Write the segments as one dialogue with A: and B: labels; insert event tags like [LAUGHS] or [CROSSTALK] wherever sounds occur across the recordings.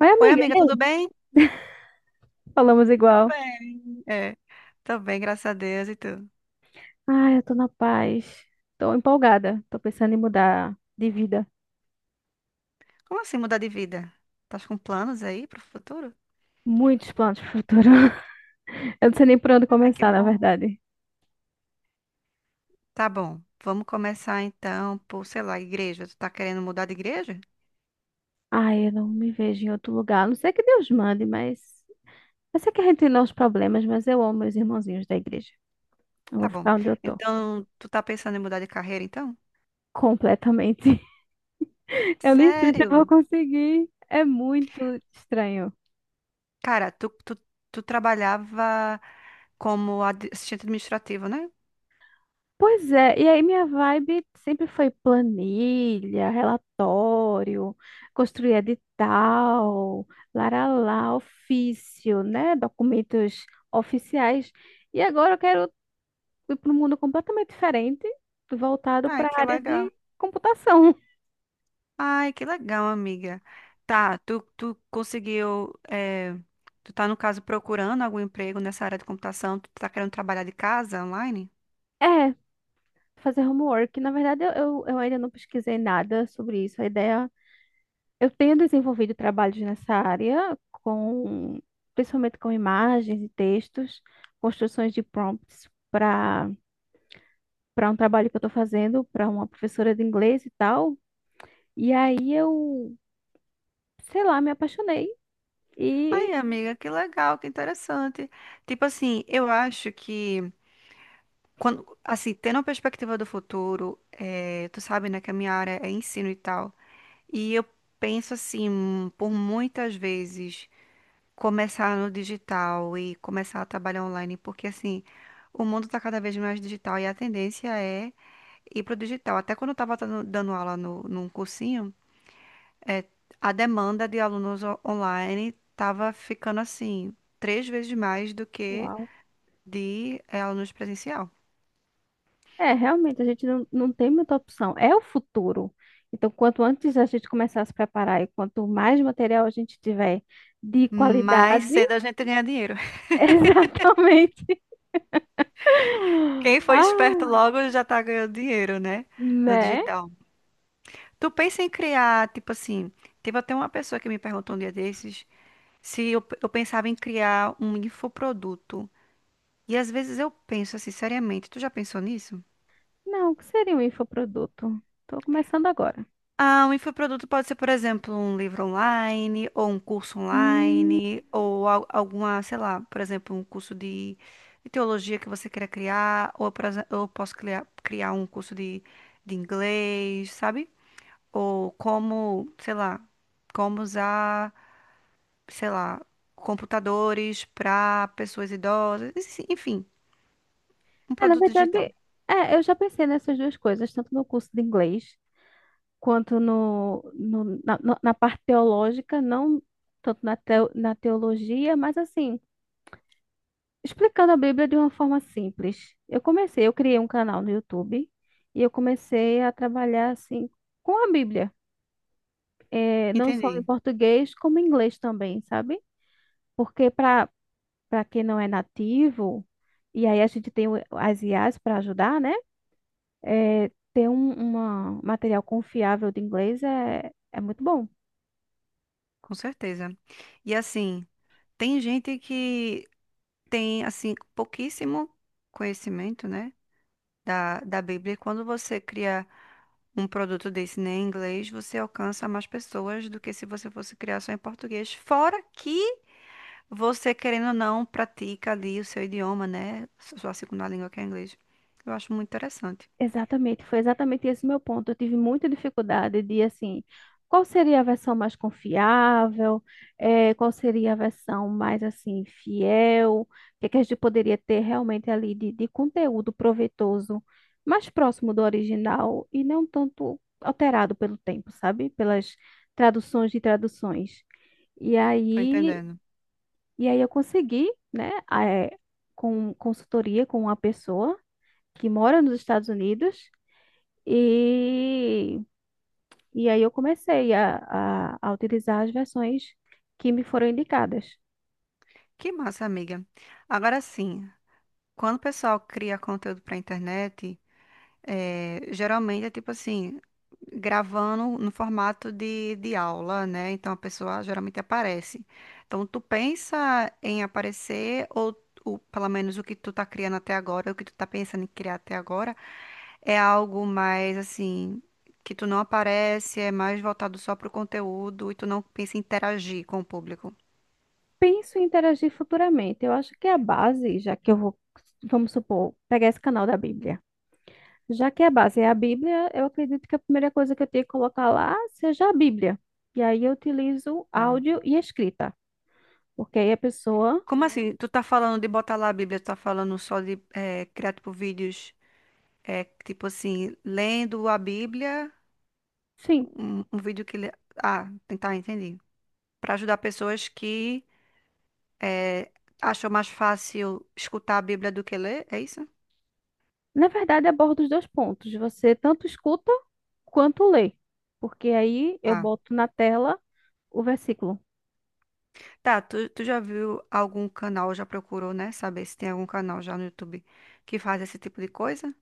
A: Oi,
B: Oi,
A: amiga,
B: amiga,
A: e
B: tudo
A: aí?
B: bem?
A: Falamos
B: Tô
A: igual.
B: bem. É, tô bem, graças a Deus e tu.
A: Ai, eu tô na paz. Tô empolgada. Tô pensando em mudar de vida.
B: Como assim mudar de vida? Tá com planos aí pro futuro?
A: Muitos planos pro futuro. [LAUGHS] Eu não sei nem por onde
B: Ai, que
A: começar, na
B: bom.
A: verdade.
B: Tá bom. Vamos começar então por, sei lá, igreja. Tu tá querendo mudar de igreja?
A: Ai, eu não me vejo em outro lugar. A não sei que Deus mande, mas. Eu sei que a gente tem os problemas, mas eu amo meus irmãozinhos da igreja. Eu
B: Tá
A: vou
B: bom.
A: ficar onde eu tô.
B: Então, tu tá pensando em mudar de carreira então?
A: Completamente. [LAUGHS] Eu nem sei se eu vou
B: Sério?
A: conseguir. É muito estranho.
B: Cara, tu trabalhava como assistente administrativo, né?
A: Pois é, e aí minha vibe sempre foi planilha, relatório, construir edital, laralá, ofício, né? Documentos oficiais. E agora eu quero ir para um mundo completamente diferente, voltado
B: Ai,
A: para a
B: que
A: área
B: legal.
A: de computação. [LAUGHS]
B: Ai, que legal, amiga. Tá, tu conseguiu. Tu tá, no caso, procurando algum emprego nessa área de computação? Tu tá querendo trabalhar de casa online?
A: É, fazer homework. Na verdade, eu ainda não pesquisei nada sobre isso. A ideia. Eu tenho desenvolvido trabalhos nessa área com, principalmente com imagens e textos, construções de prompts para um trabalho que eu estou fazendo para uma professora de inglês e tal. E aí eu, sei lá, me apaixonei e
B: Ai, amiga, que legal, que interessante. Tipo assim, eu acho que, quando, assim, tendo uma perspectiva do futuro, tu sabe, né, que a minha área é ensino e tal. E eu penso assim, por muitas vezes. Começar no digital e começar a trabalhar online, porque assim, o mundo está cada vez mais digital e a tendência é ir para o digital. Até quando eu estava dando aula no, num cursinho, é, a demanda de alunos online estava ficando assim, três vezes mais do que
A: uau.
B: de alunos presencial.
A: É, realmente a gente não, não tem muita opção. É o futuro. Então, quanto antes a gente começar a se preparar e quanto mais material a gente tiver de
B: Mais
A: qualidade,
B: cedo a gente ganha dinheiro. [LAUGHS]
A: [LAUGHS] exatamente. [LAUGHS]
B: Quem foi esperto
A: Ah,
B: logo já tá ganhando dinheiro, né? No
A: né?
B: digital. Tu pensa em criar, tipo assim, teve até uma pessoa que me perguntou um dia desses se eu pensava em criar um infoproduto. E às vezes eu penso assim, seriamente, tu já pensou nisso?
A: Não, o que seria um infoproduto? Tô começando agora.
B: Ah, um infoproduto pode ser, por exemplo, um livro online, ou um curso
A: Hum,
B: online, ou alguma, sei lá, por exemplo, um curso de, teologia que você queira criar, ou eu posso criar, um curso de inglês, sabe? Ou como, sei lá, como usar, sei lá, computadores para pessoas idosas, enfim, um
A: é, na
B: produto digital.
A: verdade, é, eu já pensei nessas duas coisas, tanto no curso de inglês quanto no, no- na, no- na parte teológica, não tanto na, teo- na teologia, mas assim, explicando a Bíblia de uma forma simples. Eu comecei, eu criei um canal no YouTube e eu comecei a trabalhar assim com a Bíblia, é, não só em
B: Entendi,
A: português, como em inglês também, sabe? Porque para quem não é nativo, e aí a gente tem o- as IAs para ajudar, né? É, ter um uma- material confiável de inglês é, é muito bom.
B: com certeza. E assim, tem gente que tem assim pouquíssimo conhecimento, né, da Bíblia. E quando você cria um produto desse né, em inglês, você alcança mais pessoas do que se você fosse criar só em português. Fora que você, querendo ou não, pratica ali o seu idioma, né, sua segunda língua que é inglês. Eu acho muito interessante.
A: Exatamente, foi exatamente esse meu ponto. Eu tive muita dificuldade de, assim, qual seria a versão mais confiável, qual seria a versão mais, assim, fiel, o que é que a gente poderia ter realmente ali de conteúdo proveitoso, mais próximo do original e não tanto alterado pelo tempo, sabe? Pelas traduções de traduções. E
B: Tô
A: aí,
B: entendendo.
A: e aí eu consegui, né, com consultoria com uma pessoa que mora nos Estados Unidos, e, e aí eu comecei a utilizar as versões que me foram indicadas.
B: Que massa, amiga. Agora sim, quando o pessoal cria conteúdo para internet. Geralmente é tipo assim, gravando no formato de aula, né? Então a pessoa geralmente aparece. Então tu pensa em aparecer, ou pelo menos o que tu tá criando até agora, o que tu tá pensando em criar até agora, é algo mais assim, que tu não aparece, é mais voltado só pro conteúdo e tu não pensa em interagir com o público.
A: Penso em interagir futuramente. Eu acho que a base, já que eu vou, vamos supor, pegar esse canal da Bíblia. Já que a base é a Bíblia, eu acredito que a primeira coisa que eu tenho que colocar lá seja a Bíblia. E aí eu utilizo
B: Ah.
A: áudio e escrita, porque aí a pessoa,
B: Como assim? Tu tá falando de botar lá a Bíblia, tu tá falando só de criar tipo vídeos. É tipo assim, lendo a Bíblia,
A: sim,
B: um vídeo que. Ah, tentar entender. Para ajudar pessoas que eh, acham mais fácil escutar a Bíblia do que ler, é isso?
A: na verdade aborda os dois pontos. Você tanto escuta quanto lê, porque aí eu
B: Tá.
A: boto na tela o versículo.
B: Tá, tu já viu algum canal, já procurou, né? Saber se tem algum canal já no YouTube que faz esse tipo de coisa?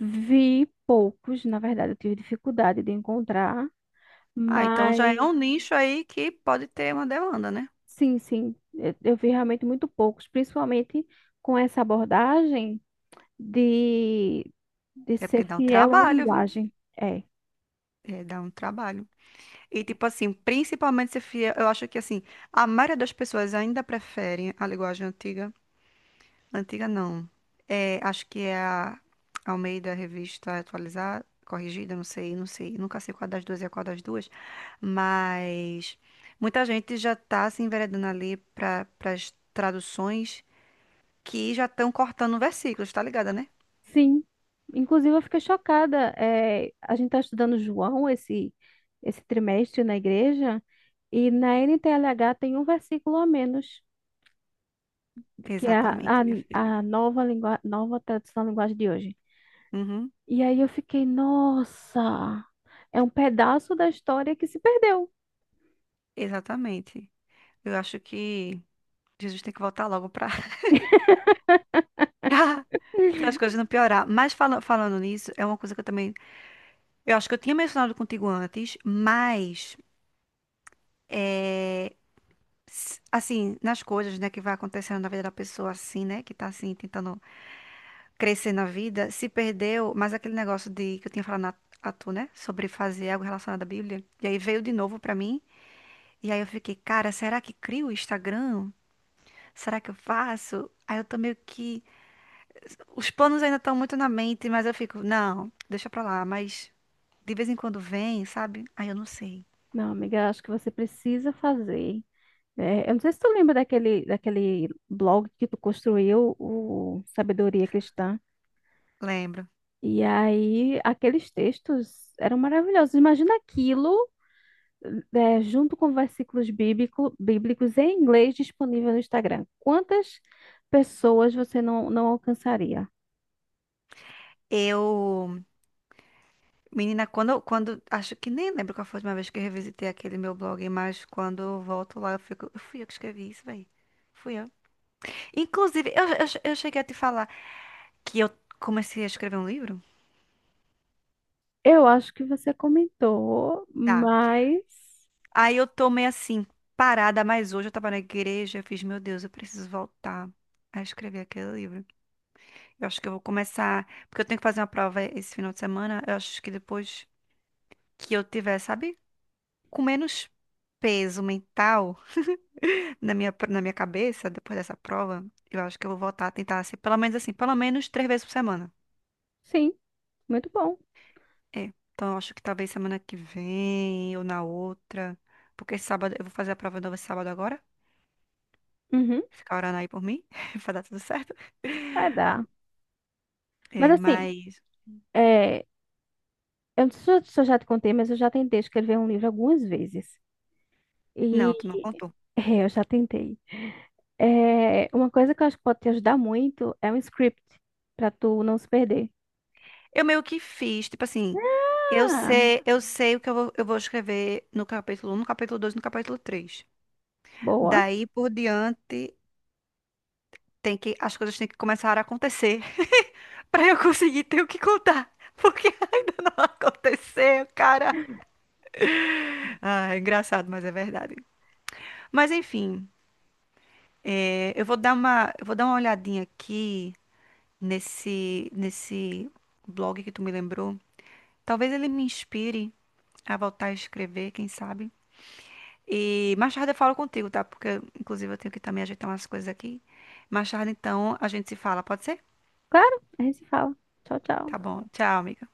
A: Vi poucos, na verdade, eu tive dificuldade de encontrar,
B: Ah, então
A: mas
B: já é um nicho aí que pode ter uma demanda, né?
A: sim, sim, eu vi realmente muito poucos, principalmente com essa abordagem de, de
B: É
A: ser
B: porque dá um
A: fiel à
B: trabalho, viu?
A: linguagem. É,
B: É, dá um trabalho. E, tipo assim, principalmente se fia, eu acho que, assim, a maioria das pessoas ainda prefere a linguagem antiga. Antiga, não. É, acho que é a Almeida Revista Atualizada, corrigida, não sei, não sei. Nunca sei qual das duas é qual das duas. Mas muita gente já tá se enveredando ali para as traduções que já estão cortando versículos, tá ligada, né?
A: sim. Inclusive, eu fiquei chocada. É, a gente está estudando João esse, esse trimestre na igreja, e na NTLH tem um versículo a menos, que é
B: Exatamente, minha filha.
A: a nova, lingua, nova tradução da linguagem de hoje.
B: Uhum,
A: E aí eu fiquei, nossa, é um pedaço da história que se perdeu.
B: exatamente. Eu acho que Jesus tem que voltar logo para [LAUGHS] para as coisas não piorar. Mas falando nisso, é uma coisa que eu também. Eu acho que eu tinha mencionado contigo antes, mas. é, Assim, nas coisas, né, que vai acontecendo na vida da pessoa, assim, né, que tá assim, tentando crescer na vida, se perdeu, mas aquele negócio de que eu tinha falado a tu, né, sobre fazer algo relacionado à Bíblia, e aí veio de novo pra mim, e aí eu fiquei, cara, será que crio o Instagram? Será que eu faço? Aí eu tô meio que. Os planos ainda estão muito na mente, mas eu fico, não, deixa pra lá, mas. De vez em quando vem, sabe? Aí eu não sei.
A: Não, amiga, acho que você precisa fazer. É, eu não sei se tu lembra daquele, daquele blog que tu construiu, o Sabedoria Cristã.
B: Lembro.
A: E aí, aqueles textos eram maravilhosos. Imagina aquilo, é, junto com versículos bíblico, bíblicos em inglês disponível no Instagram. Quantas pessoas você não, não alcançaria?
B: Eu, menina, acho que nem lembro qual foi a última vez que eu revisitei aquele meu blog, mas quando eu volto lá, eu fico, eu fui eu que escrevi isso, velho. Fui eu. Inclusive, eu cheguei a te falar que eu comecei a escrever um livro?
A: Eu acho que você comentou,
B: Tá.
A: mas.
B: Aí eu tô meio assim, parada, mas hoje eu tava na igreja, eu fiz, meu Deus, eu preciso voltar a escrever aquele livro. Eu acho que eu vou começar, porque eu tenho que fazer uma prova esse final de semana, eu acho que depois que eu tiver, sabe? Com menos peso mental na minha, cabeça, depois dessa prova, eu acho que eu vou voltar a tentar ser, pelo menos assim, pelo menos três vezes por semana.
A: Sim, muito bom.
B: É. Então, eu acho que talvez semana que vem ou na outra. Porque esse sábado, eu vou fazer a prova nova esse sábado agora.
A: Uhum,
B: Ficar orando aí por mim, [LAUGHS] vai dar tudo certo.
A: vai dar. Mas
B: É,
A: assim,
B: mas.
A: é, eu não sei se eu já te contei, mas eu já tentei escrever um livro algumas vezes. E
B: Não, tu não contou.
A: [LAUGHS] é, eu já tentei. É, uma coisa que eu acho que pode te ajudar muito é um script, pra tu não se perder.
B: Eu meio que fiz, tipo assim.
A: Ah,
B: Eu sei o que eu vou, escrever no capítulo 1, no capítulo 2, no capítulo 3.
A: boa.
B: Daí por diante. Tem que, as coisas têm que começar a acontecer [LAUGHS] para eu conseguir ter o que contar. Porque [LAUGHS] ainda não aconteceu, cara. Ah, é engraçado, mas é verdade. Mas enfim, eu vou dar uma, olhadinha aqui nesse blog que tu me lembrou. Talvez ele me inspire a voltar a escrever, quem sabe. E mais tarde eu falo contigo, tá? Porque, inclusive, eu tenho que também ajeitar umas coisas aqui. Mais tarde, então, a gente se fala, pode ser?
A: Claro, a gente se fala. Tchau,
B: Tá
A: tchau.
B: bom. Tchau, amiga.